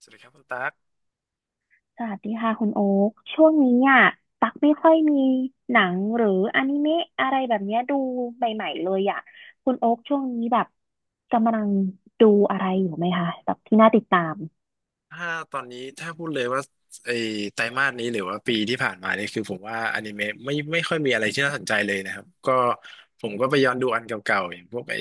สวัสดีครับคุณตั๊กสวัสดีค่ะคุณโอ๊คช่วงนี้อ่ะตักไม่ค่อยมีหนังหรืออนิเมะอะไรแบบเนี้ยดูใหม่ๆเลยอ่ะคุณโอ๊คช่วงนี้แบบกำลังดูอะไรอยู่ไหมคะแบบที่น่าติดตามถ้าตอนนี้ถ้าพูดเลยว่าไอ้ไตรมาสนี้หรือว่าปีที่ผ่านมาเนี่ยคือผมว่าอนิเมะไม่ค่อยมีอะไรที่น่าสนใจเลยนะครับก็ผมก็ไปย้อนดูอันเก่าๆอย่างพวกไอ้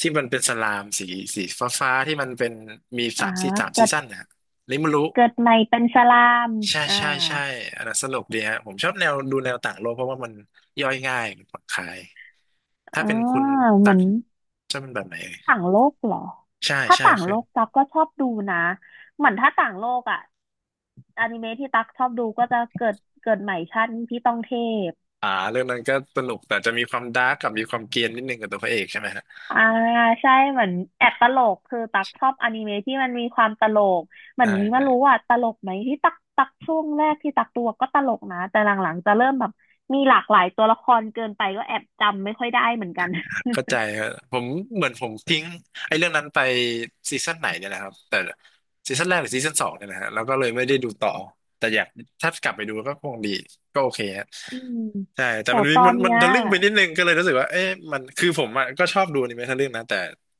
ที่มันเป็นสลามสีฟ้าๆที่มันเป็นมีอ่าสามเกิซีดซั่นนะริมารุเกิดใหม่เป็นสลามใช่อ่าใช่ใช่อันนั้นสนุกดีฮะผมชอบแนวดูแนวต่างโลกเพราะว่ามันย่อยง่ายมันผ่อนคลายถ้าอ่าเป็นคุณเหตั๊มือกนชอบเป็นแบบไหนเอ่ยต่างโลกเหรอใช่ถ้าใช่ต่างเคโลย กตักก็ชอบดูนะเหมือนถ้าต่างโลกอ่ะอนิเมะที่ตักชอบดูก็จะเกิดใหม่ชาตินี้พี่ต้องเทพ เรื่องนั้นก็สนุกแต่จะมีความดาร์กกับมีความเกรียนนิดนึงกับตัวพระเอกใช่ไหมฮะอ่าใช่เหมือนแอบตลกคือตักชอบอนิเมะที่มันมีความตลกเหมือนใช่นี้ใช่มารู้ว่าตลกไหมที่ตักช่วงแรกที่ตักตัวก็ตลกนะแต่หลังๆจะเริ่มแบบมีหลากหลายตัวละครเกินไปก็แอบจำไม่ค่อยได้เหมือนกันเข้าใจครับผมเหมือนผมทิ้งไอ้เรื่องนั้นไปซีซั่นไหนเนี่ยนะครับแต่ซีซั่นแรกหรือซีซั่นสองเนี่ยนะฮะแล้วก็เลยไม่ได้ดูต่อแต่อยากถ้ากลับไปดูก็คงดีก็โอเคฮะอืมใช่แต่โหมันมีตอมันนมัเนี้นยทะลึ่งไปนิดนึงก็เลยรู้สึกว่าเอ๊ะมันคือผมอะก็ชอบดูอนิเมะทะลึ่งนะแต่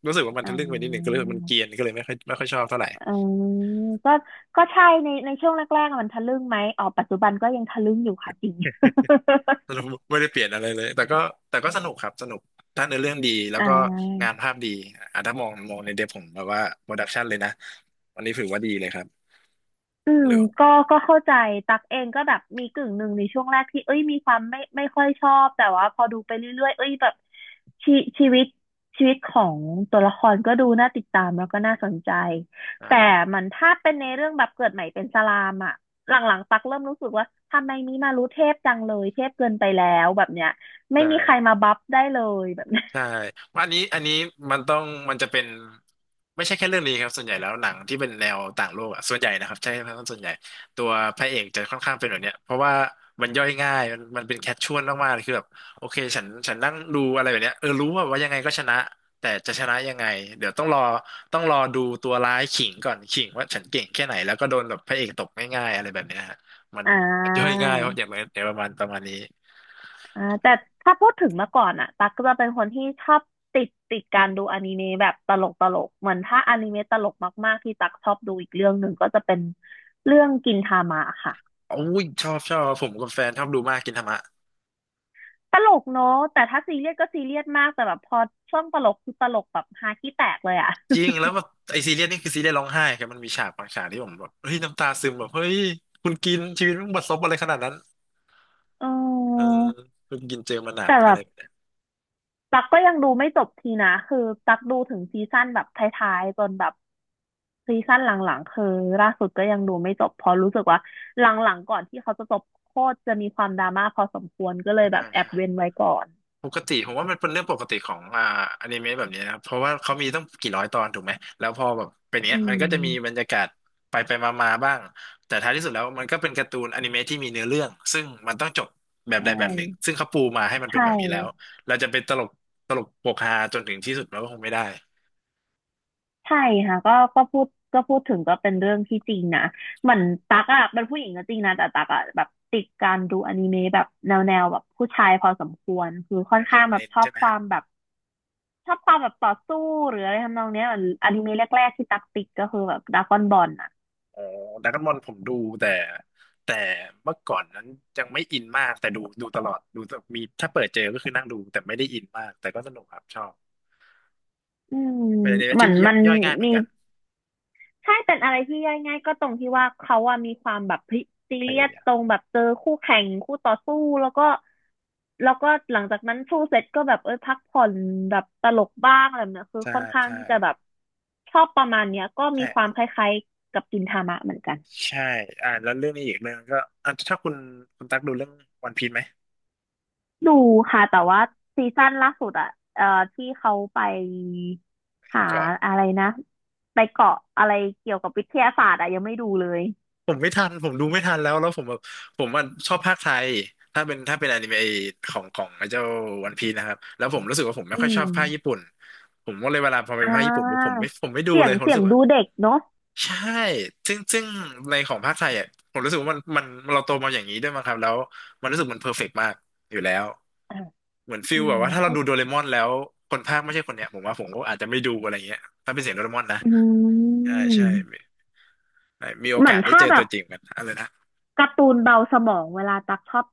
รู้สึกว่ามันอ่ทะลึ่งไปนิดนึงก็าเลยมันเกรียนก็เลยไม่ค่อยชอบเท่าไหร่ อืมก็ก็ใช่ในช่วงแรกๆอะมันทะลึ่งไหมอ๋อปัจจุบันก็ยังทะลึ่งอยู่ค่ะจริง สนุกไม่ได้เปลี่ยนอะไรเลย แต่ก็สนุกครับสนุกถ้าเนื้อเรื่องดี แล้วอ่า ก็งานภาพดีอ่ะถ้ามองในเดบผมแบบว่าโปรดักชันเลยนะวันนี้ถือว่าดีเลยครับอืมเหลือก็เข้าใจตักเองก็แบบมีกึ่งหนึ่งในช่วงแรกที่เอ้ยมีความไม่ค่อยชอบแต่ว่าพอดูไปเรื่อยๆเอ้ยแบบชีชีวิตชีวิตของตัวละครก็ดูน่าติดตามแล้วก็น่าสนใจแต่ใช่มันถ้าเป็นในเรื่องแบบเกิดใหม่เป็นสลามอะหลังๆตักเริ่มรู้สึกว่าทำไมนี้มารู้เทพจังเลยเทพเกินไปแล้วแบบเนี้ยไม่ใช่ มีใครมาบัฟได้เลยแบบเนี้ยใช่ว่าอันนี้มันต้องมันจะเป็นไม่ใช่แค่เรื่องนี้ครับส่วนใหญ่แล้วหนังที่เป็นแนวต่างโลกอะส่วนใหญ่นะครับใช่ครับส่วนใหญ่ตัวพระเอกจะค่อนข้างเป็นแบบเนี้ยเพราะว่ามันย่อยง่ายมันเป็นแคชชวลมากๆเลยคือแบบโอเคฉันนั่งดูอะไรแบบเนี้ยเออรู้ว่ายังไงก็ชนะแต่จะชนะยังไงเดี๋ยวต้องรอดูตัวร้ายขิงก่อนขิงว่าฉันเก่งแค่ไหนแล้วก็โดนแบบพระเอกตกง่ายๆอะไรแบบเนี้ยฮะมันอ่ย่อยง่ายเพราะอา ย่างไรอย่างประมาณนี้อ่าแต่ถ้าพูดถึงเมื่อก่อนอะตั๊กก็จะเป็นคนที่ชอบติดการดูอนิเมะแบบตลกเหมือนถ้าอนิเมะตลกมากๆที่ตั๊กชอบดูอีกเรื่องหนึ่งก็จะเป็นเรื่องกินทามะค่ะอุ้ยชอบผมกับแฟนชอบดูมากกินธรรมะ ตลกเนอะแต่ถ้าซีเรียสก็ซีเรียสมากแต่แบบพอช่วงตลกคือตลกแบบฮาขี้แตกเลยอะ จริงแล้วแบบไอซีเรียสนี่คือซีเรียสร้องไห้ครับมันมีฉากบางฉากที่ผมแบบเฮ้ยน้ำตาซึมแบบเฮ้ยคุณกินชีวิตมึงบัดซบอะไรขนาดนั้น เเออออคุณกินเจอมาหนักแต่แบอะไรบแบบนี้ตั๊กก็ยังดูไม่จบทีนะคือตั๊กดูถึงซีซั่นแบบท้ายๆจนแบบ ซีซั่นหลังๆคือล่าสุดก็ยังดูไม่จบเพราะรู้สึกว่าหลังๆก่อนที่เขาจะจบโคตรจะมีความดราม่าพอสมควรก็เลยแบใช่บแอบใช่เว้นไว้ก่อนปกติผมว่ามันเป็นเรื่องปกติของอนิเมะแบบนี้นะครับเพราะว่าเขามีต้องกี่ร้อยตอนถูกไหมแล้วพอแบบเป็นอืเงี้ยมันก็จะมีบรมรยากาศไปมาบ้างแต่ท้ายที่สุดแล้วมันก็เป็นการ์ตูนอนิเมะที่มีเนื้อเรื่องซึ่งมันต้องจบแบบใชใดแบบหนึ่งซึ่่งเขาปูมาให้มันใชเป็นแบบนี้แล้ว่เราจะเป็นตลกโปกฮาจนถึงที่สุดเราก็คงไม่ได้ใช่ค่ะก็พูดถึงก็เป็นเรื่องที่จริงนะเหมือนตักอะเป็นผู้หญิงก็จริงนะแต่ตักอะแบบติดการดูอนิเมะแบบแนวแบบผู้ชายพอสมควรคือค่อนนะโชข้างแบเนบนใช่ไหม ชอบความแบบต่อสู้หรืออะไรทำนองเนี้ยเหมือนอนิเมะแรกๆที่ตักติดก็คือแบบดราก้อนบอลอะ อ๋อดราก้อนบอลผมดูแต่แต่เมื่อก่อนนั้นยังไม่อินมากแต่ดูตลอดดูมีถ้าเปิดเจอก็คือนั่งดูแต่ไม่ได้อินมากแต่ก็สนุกครับชอบอืมเป็นอนิเมะเหมืที่อนมันย่อยง่ายเหมือมีนกันใช่เป็นอะไรที่ย่อยง่ายก็ตรงที่ว่าเขาอะมีความแบบซีพเรียยาสยาตมรงแบบเจอคู่แข่งคู่ต่อสู้แล้วก็หลังจากนั้นสู้เสร็จก็แบบเออพักผ่อนแบบตลกบ้างอะไรแบบเนี้ยคือใช่ค่อนข้างใช่ที่จะแบบชอบประมาณเนี้ยก็มีความใช่คล้ายๆกับกินทามะเหมือนกันใช่อ่าแล้วเรื่องนี้อีกเรื่องก็อ่ะถ้าคุณตักดูเรื่องวันพีซไหมดูค่ะแต่ดูว่าซีซั่นล่าสุดอะเอ่อที่เขาไปหาเกาะ อะไรนะไปเกาะอะไรเกี่ยวกับวิทยาศาสตร์อะยังไม่ดูเลยผมไม่ทันผมดูไม่ทันแล้วผมแบบผมว่าชอบภาคไทยถ้าเป็นอนิเมะของไอ้เจ้าวันพีนะครับแล้วผมรู้สึกว่าผมไม่อืค่อยชอบม ภาคญี่ปุ่นผมก็เลยเวลาพอเป็นอ่ภาคญี่ปุ่นปุ๊บผมาไม่ผมไม่ดูเสียเลงยผมเสีรู้ยงสึกว่าดูเด็กเนาะใช่ซึ่งในของภาคไทยอ่ะผมรู้สึกว่ามันเราโตมาอย่างนี้ด้วยมั้งครับแล้วมันรู้สึกมันเพอร์เฟกต์มากอยู่แล้วอ่ะเหมือนฟิอืลแบมบว่าถ้าเราเข้าดูโดเรมอนแล้วคนภาคไม่ใช่คนเนี้ยผมก็อาจจะไม่ดูอะไรเงี้ยถ้าเป็นเสียงโดเรมอนนะอืใช่ใช่มมีมีโอเหมือกานสได้ถ้าเจอแบตับวจริงกันอะไรนะ การ์ตูนเบาสมองเวลาตักชอบ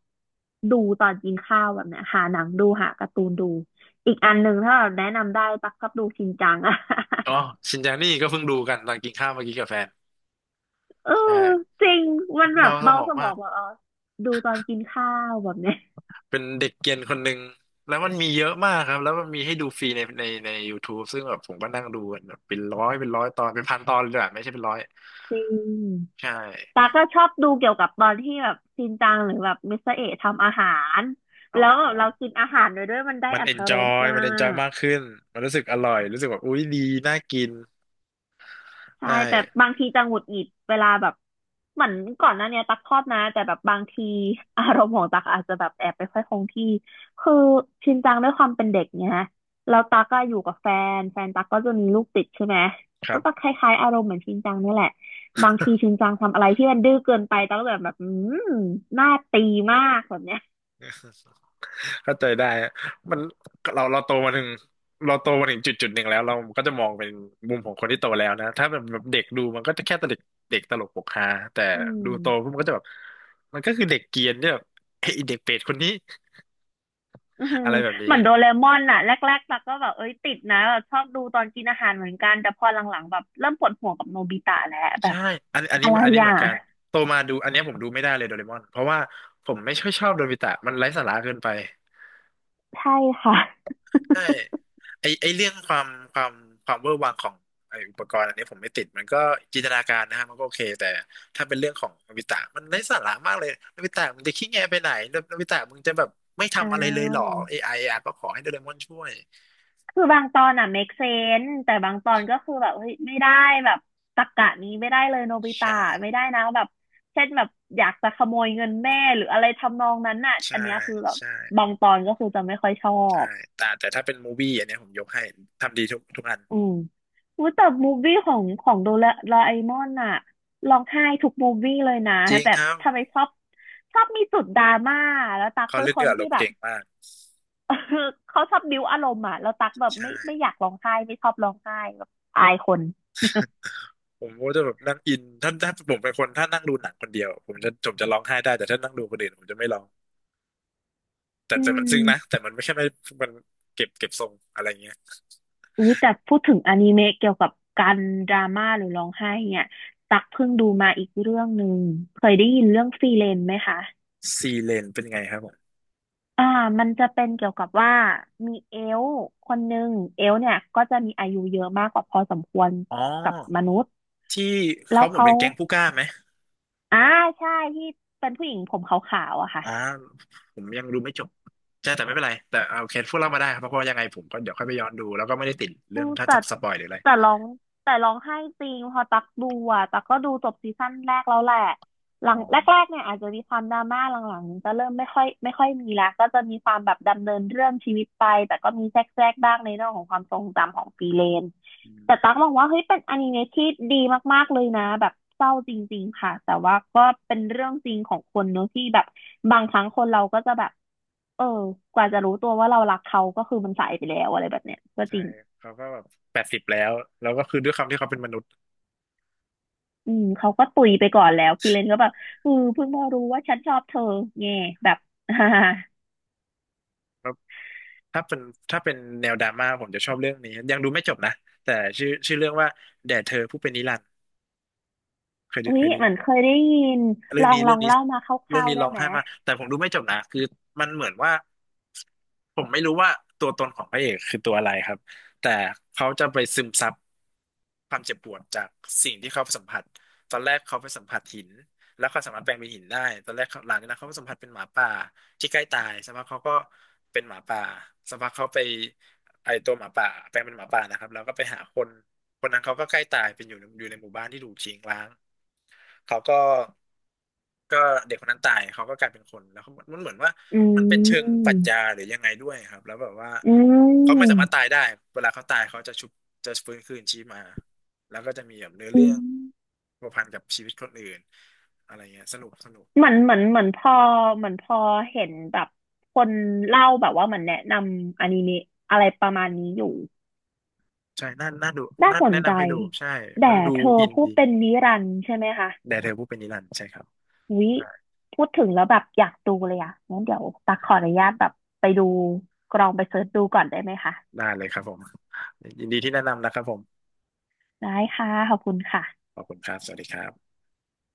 ดูตอนกินข้าวแบบเนี้ยหาหนังดูหาการ์ตูนดูอีกอันหนึ่งถ้าแบบแนะนำได้ตักชอบดูชินจังอะ อ๋อชินจานี่ก็เพิ่งดูกันตอนกินข้าวเมื่อกี้กับแฟน เออใช่จริงมัมันนแบบเบาสเบามอสงมมาอกงแบบอ๋อดูตอนกินข้าวแบบเนี้ยเป็นเด็กเกรียนคนหนึ่งแล้วมันมีเยอะมากครับแล้วมันมีให้ดูฟรีใน YouTube ซึ่งแบบผมก็นั่งดูกันแบบเป็นร้อยตอนเป็นพันตอนเลยอะไม่ใช่เป็นร้อยจริง ใช่ตาก็ชอบดูเกี่ยวกับตอนที่แบบชินจังหรือแบบมิสเตอร์เอะทำอาหารอ๋อแล้วแบบเรากินอาหารไปด้วยมันได้มันอรรเอถนจรอสยมามันเอนจอยกมากขึ้นมันรู้สึกอร่อยรู้สึกแบบอุ๊ยดีน่ากินใช่ได้แต่บางทีจะหงุดหงิดเวลาแบบเหมือนก่อนหน้าเนี้ยตักชอบนะแต่แบบบางทีอารมณ์ของตักอาจจะแบบแอบไปค่อยคงที่คือชินจังด้วยความเป็นเด็กเนี่ยแล้วตักก็อยู่กับแฟนตักก็จะมีลูกติดใช่ไหมครัก็จกบ คล้ายๆอารมณ์เหมือนชินจังนี่แหละบางทีชินจังทำอะไรที่มันดื้อเกินไปตักก็แบบอืมน่าตีมากแบบเนี้ย เข้าใจได้ฮะมันเราโตมาถึงเราโตมาถึงจุดหนึ่งแล้วเราก็จะมองเป็นมุมของคนที่โตแล้วนะถ้าแบบเด็กดูมันก็จะแค่ตลกเด็กตลกปกฮาแต่อืดูโตปุ๊บมมันก็จะแบบมันก็คือเด็กเกรียนที่แบบเฮ้ยไอ้เด็กเปรตคนนี้อือหือะอไรแบบนี้เหมือนโดเรมอนน่ะแรกๆตัก็แบบเอ้ยติดนะแบบชอบดูตอนกินอาหารเหมือนกันแต่พอหลังๆแบบเริ่มปวดหัวกับโนบิตะแล้วแบใช่บอันอะนี้ไรอันนี้เหอ่ะมือนกันโตมาดูอันเนี้ยผมดูไม่ได้เลยโดเรมอนเพราะว่าผมไม่ค่อยชอบโดบิตะมันไร้สาระเกินไป ใช่ค่ะใช่ไอเรื่องความความเวอร์วังของไออุปกรณ์อันนี้ผมไม่ติดมันก็จินตนาการนะฮะมันก็โอเคแต่ถ้าเป็นเรื่องของโนบิตะมันไร้สาระมากเลยโนบิตะมึงจะขี้แงไปไหนโนบิตะมึงจะแบบไม่อ่ทำอะไรเลยเหรอาเอไออะก็ขอให้โดเรมอนช่วยคือบางตอนอ่ะ make sense แต่บางตอนก็คือแบบเฮ้ยไม่ได้แบบตรรกะนี้ไม่ได้เลยโนบิตะใช่ไม่ได้นะแบบเช่นแบบอยากจะขโมยเงินแม่หรืออะไรทำนองนั้นน่ะใช่อันเนี้ยคือแบบใช่บางตอนก็คือจะไม่ค่อยชอใช่บ แต่ถ้าเป็นมูวี่อันเนี้ยผมยกให้ทำดีทุกอันอืมอุ๊ยแต่มูฟวี่ของโดราเอมอนอะร้องไห้ทุกมูฟวี่เลยนะจริงแบคบรับทำไมชอบมีจุดดราม่าแล้วตั๊กเขาเป็นเล่นคด้วนยอารที่มณ์แบบ เก่งมาก เขาชอบบิ้วอารมณ์อะแล้วตั๊กแบบใช่ไม่อยากร้องไห้ไม่ชอบร้องไห้แบบอายคน ผมก็จะแบบนั่งอินถ้าผมเป็นคนถ้านั่งดูหนังคนเดียวผมจะร้องไห้ได้แต่ถ้านั่งดูคนอื่นผมจะไม่ร้อง แต่อืแต่มันซึ้งนะมแต่มันไม่ใช่ไม่มันเก็บทรงอะไรเงี้ยอุ้ยแต่พูดถึงอนิเมะเกี่ยวกับการดราม่าหรือร้องไห้เนี่ยตักเพิ่งดูมาอีกเรื่องหนึ่งเคยได้ยินเรื่องฟรีเลนไหมคะ ซีเลนเป็นไงครับผมอ่า มันจะเป็นเกี่ยวกับว่ามีเอลฟ์คนหนึ่งเอลฟ์เนี่ยก็จะมีอายุเยอะมากกว่าพอสมควรอ๋อกับมนุษย์ที่แล้เขาวเหมือนเขาเป็นแก๊งผู้กล้าไหมอ่าใช่ที่เป็นผู้หญิงผมขาวๆอะค่ะ อ่าผมยังดูไม่จบใช่แต่ไม่เป็นไรแต่เอาโอเคพูดเล่ามาได้ครับเพราะว่ายังไงผมก็เดี๋ยวค่อยไปย้อนดูแล้วก็ไม่ได้ติดอืเรื่องมถ้าจะสปอยหรืออะไรแต่ร้องแต่ร้องไห้จริงพอตักดูอ่ะตักก็ดูจบซีซั่นแรกแล้วแหละหลัอ๋งอแรกๆเนี่ยอาจจะมีความดราม่าหลังๆจะเริ่มไม่ค่อยมีแล้วก็จะมีความแบบดำเนินเรื่องชีวิตไปแต่ก็มีแทรกๆบ้างในเรื่องของความทรงจำของฟรีเลนอืมแต่ตักมองว่าเฮ้ยเป็นอนิเมะที่ดีมากๆเลยนะแบบเศร้าจริงๆค่ะแต่ว่าก็เป็นเรื่องจริงของคนเนอะที่แบบบางครั้งคนเราก็จะแบบเออกว่าจะรู้ตัวว่าเรารักเขาก็คือมันสายไปแล้วอะไรแบบเนี้ยก็จใช่ริง เขาก็แบบ80แล้วแล้วก็คือด้วยความที่เขาเป็นมนุษย์อืมเขาก็ตุยไปก่อนแล้วฟิเลนก็แบบเอือเพิ่งมารู้ว่าฉันชอบเธอแง่แบบ แล้วถ้าเป็นถ้าเป็นแนวดราม่าผมจะชอบเรื่องนี้ยังดูไม่จบนะแต่ชื่อเรื่องว่าแด่เธอผู้เป็นนิรันดร์เคยดูอุ๊เคยยเหดู มือนเคยได้ยินเรื่องนี้ลเรื่อองงนี้เล่ามาคเรื่อร่างวนี้ๆได้ร้องไหมไห้มากแต่ผมดูไม่จบนะคือมันเหมือนว่าผมไม่รู้ว่าตัวตนของพระเอกคือตัวอะไรครับแต่เขาจะไปซึมซับ ความเจ็บปวดจากสิ่งที่เขาสัมผัสตอนแรกเขาไปสัมผัสหินแล้วเขาสามารถแปลงเป็นหินได้ตอนแรกเขาหลังจากนั้นเขาไปสัมผัสเป็นหมาป่าที่ใกล้ตายสักพักเขาก็เป็นหมาป่าสักพักเขาไปไอตัวหมาป่าแปลงเป็นหมาป่านะครับแล้วก็ไปหาคนคนนั้นเขาก็ใกล้ตายเป็นอยู่ในหมู่บ้านที่ถูกทิ้งร้างเขาก็ก็เด็กคนนั้นตายเขาก็กลายเป็นคนแล้วเขามันเหมือนว่าอืมันเป็นเชิงปรัมชญาหรือยังไงด้วยครับแล้วแบบว่าอืเขาไม่สามมารถตายได้เวลาเขาตายเขาจะชุบจะฟื้นคืนชีพมา แล้วก็จะมีแบบเนื้ออืเรื่มองผัวพันกับชีวิตคนอื่นอะไรเงี้ยสนุกสนุกเหมือนพอเหมือนพอเห็นแบบคนเล่าแบบว่าเหมือนแนะนำอนิเมะอะไรประมาณนี้อยู่ใช่น่าดูน่าน่าสนแนะใจนำให้ดูใช่ แต่มันดูเธออินพูดดีเป็นนิรันดร์ใช่ไหมคะ แด่เธอผู้เป็นนิรันดร์ใช่ครับวิพูดถึงแล้วแบบอยากดูเลยอ่ะงั้นเดี๋ยวตักขออนุญาตแบบไปดูกลองไปเสิร์ชดูก่อนได้ไหมคะได้เลยครับผมยินดีที่แนะนำนะครับผมได้ค่ะขอบคุณค่ะขอบคุณครับสวัสดีครับ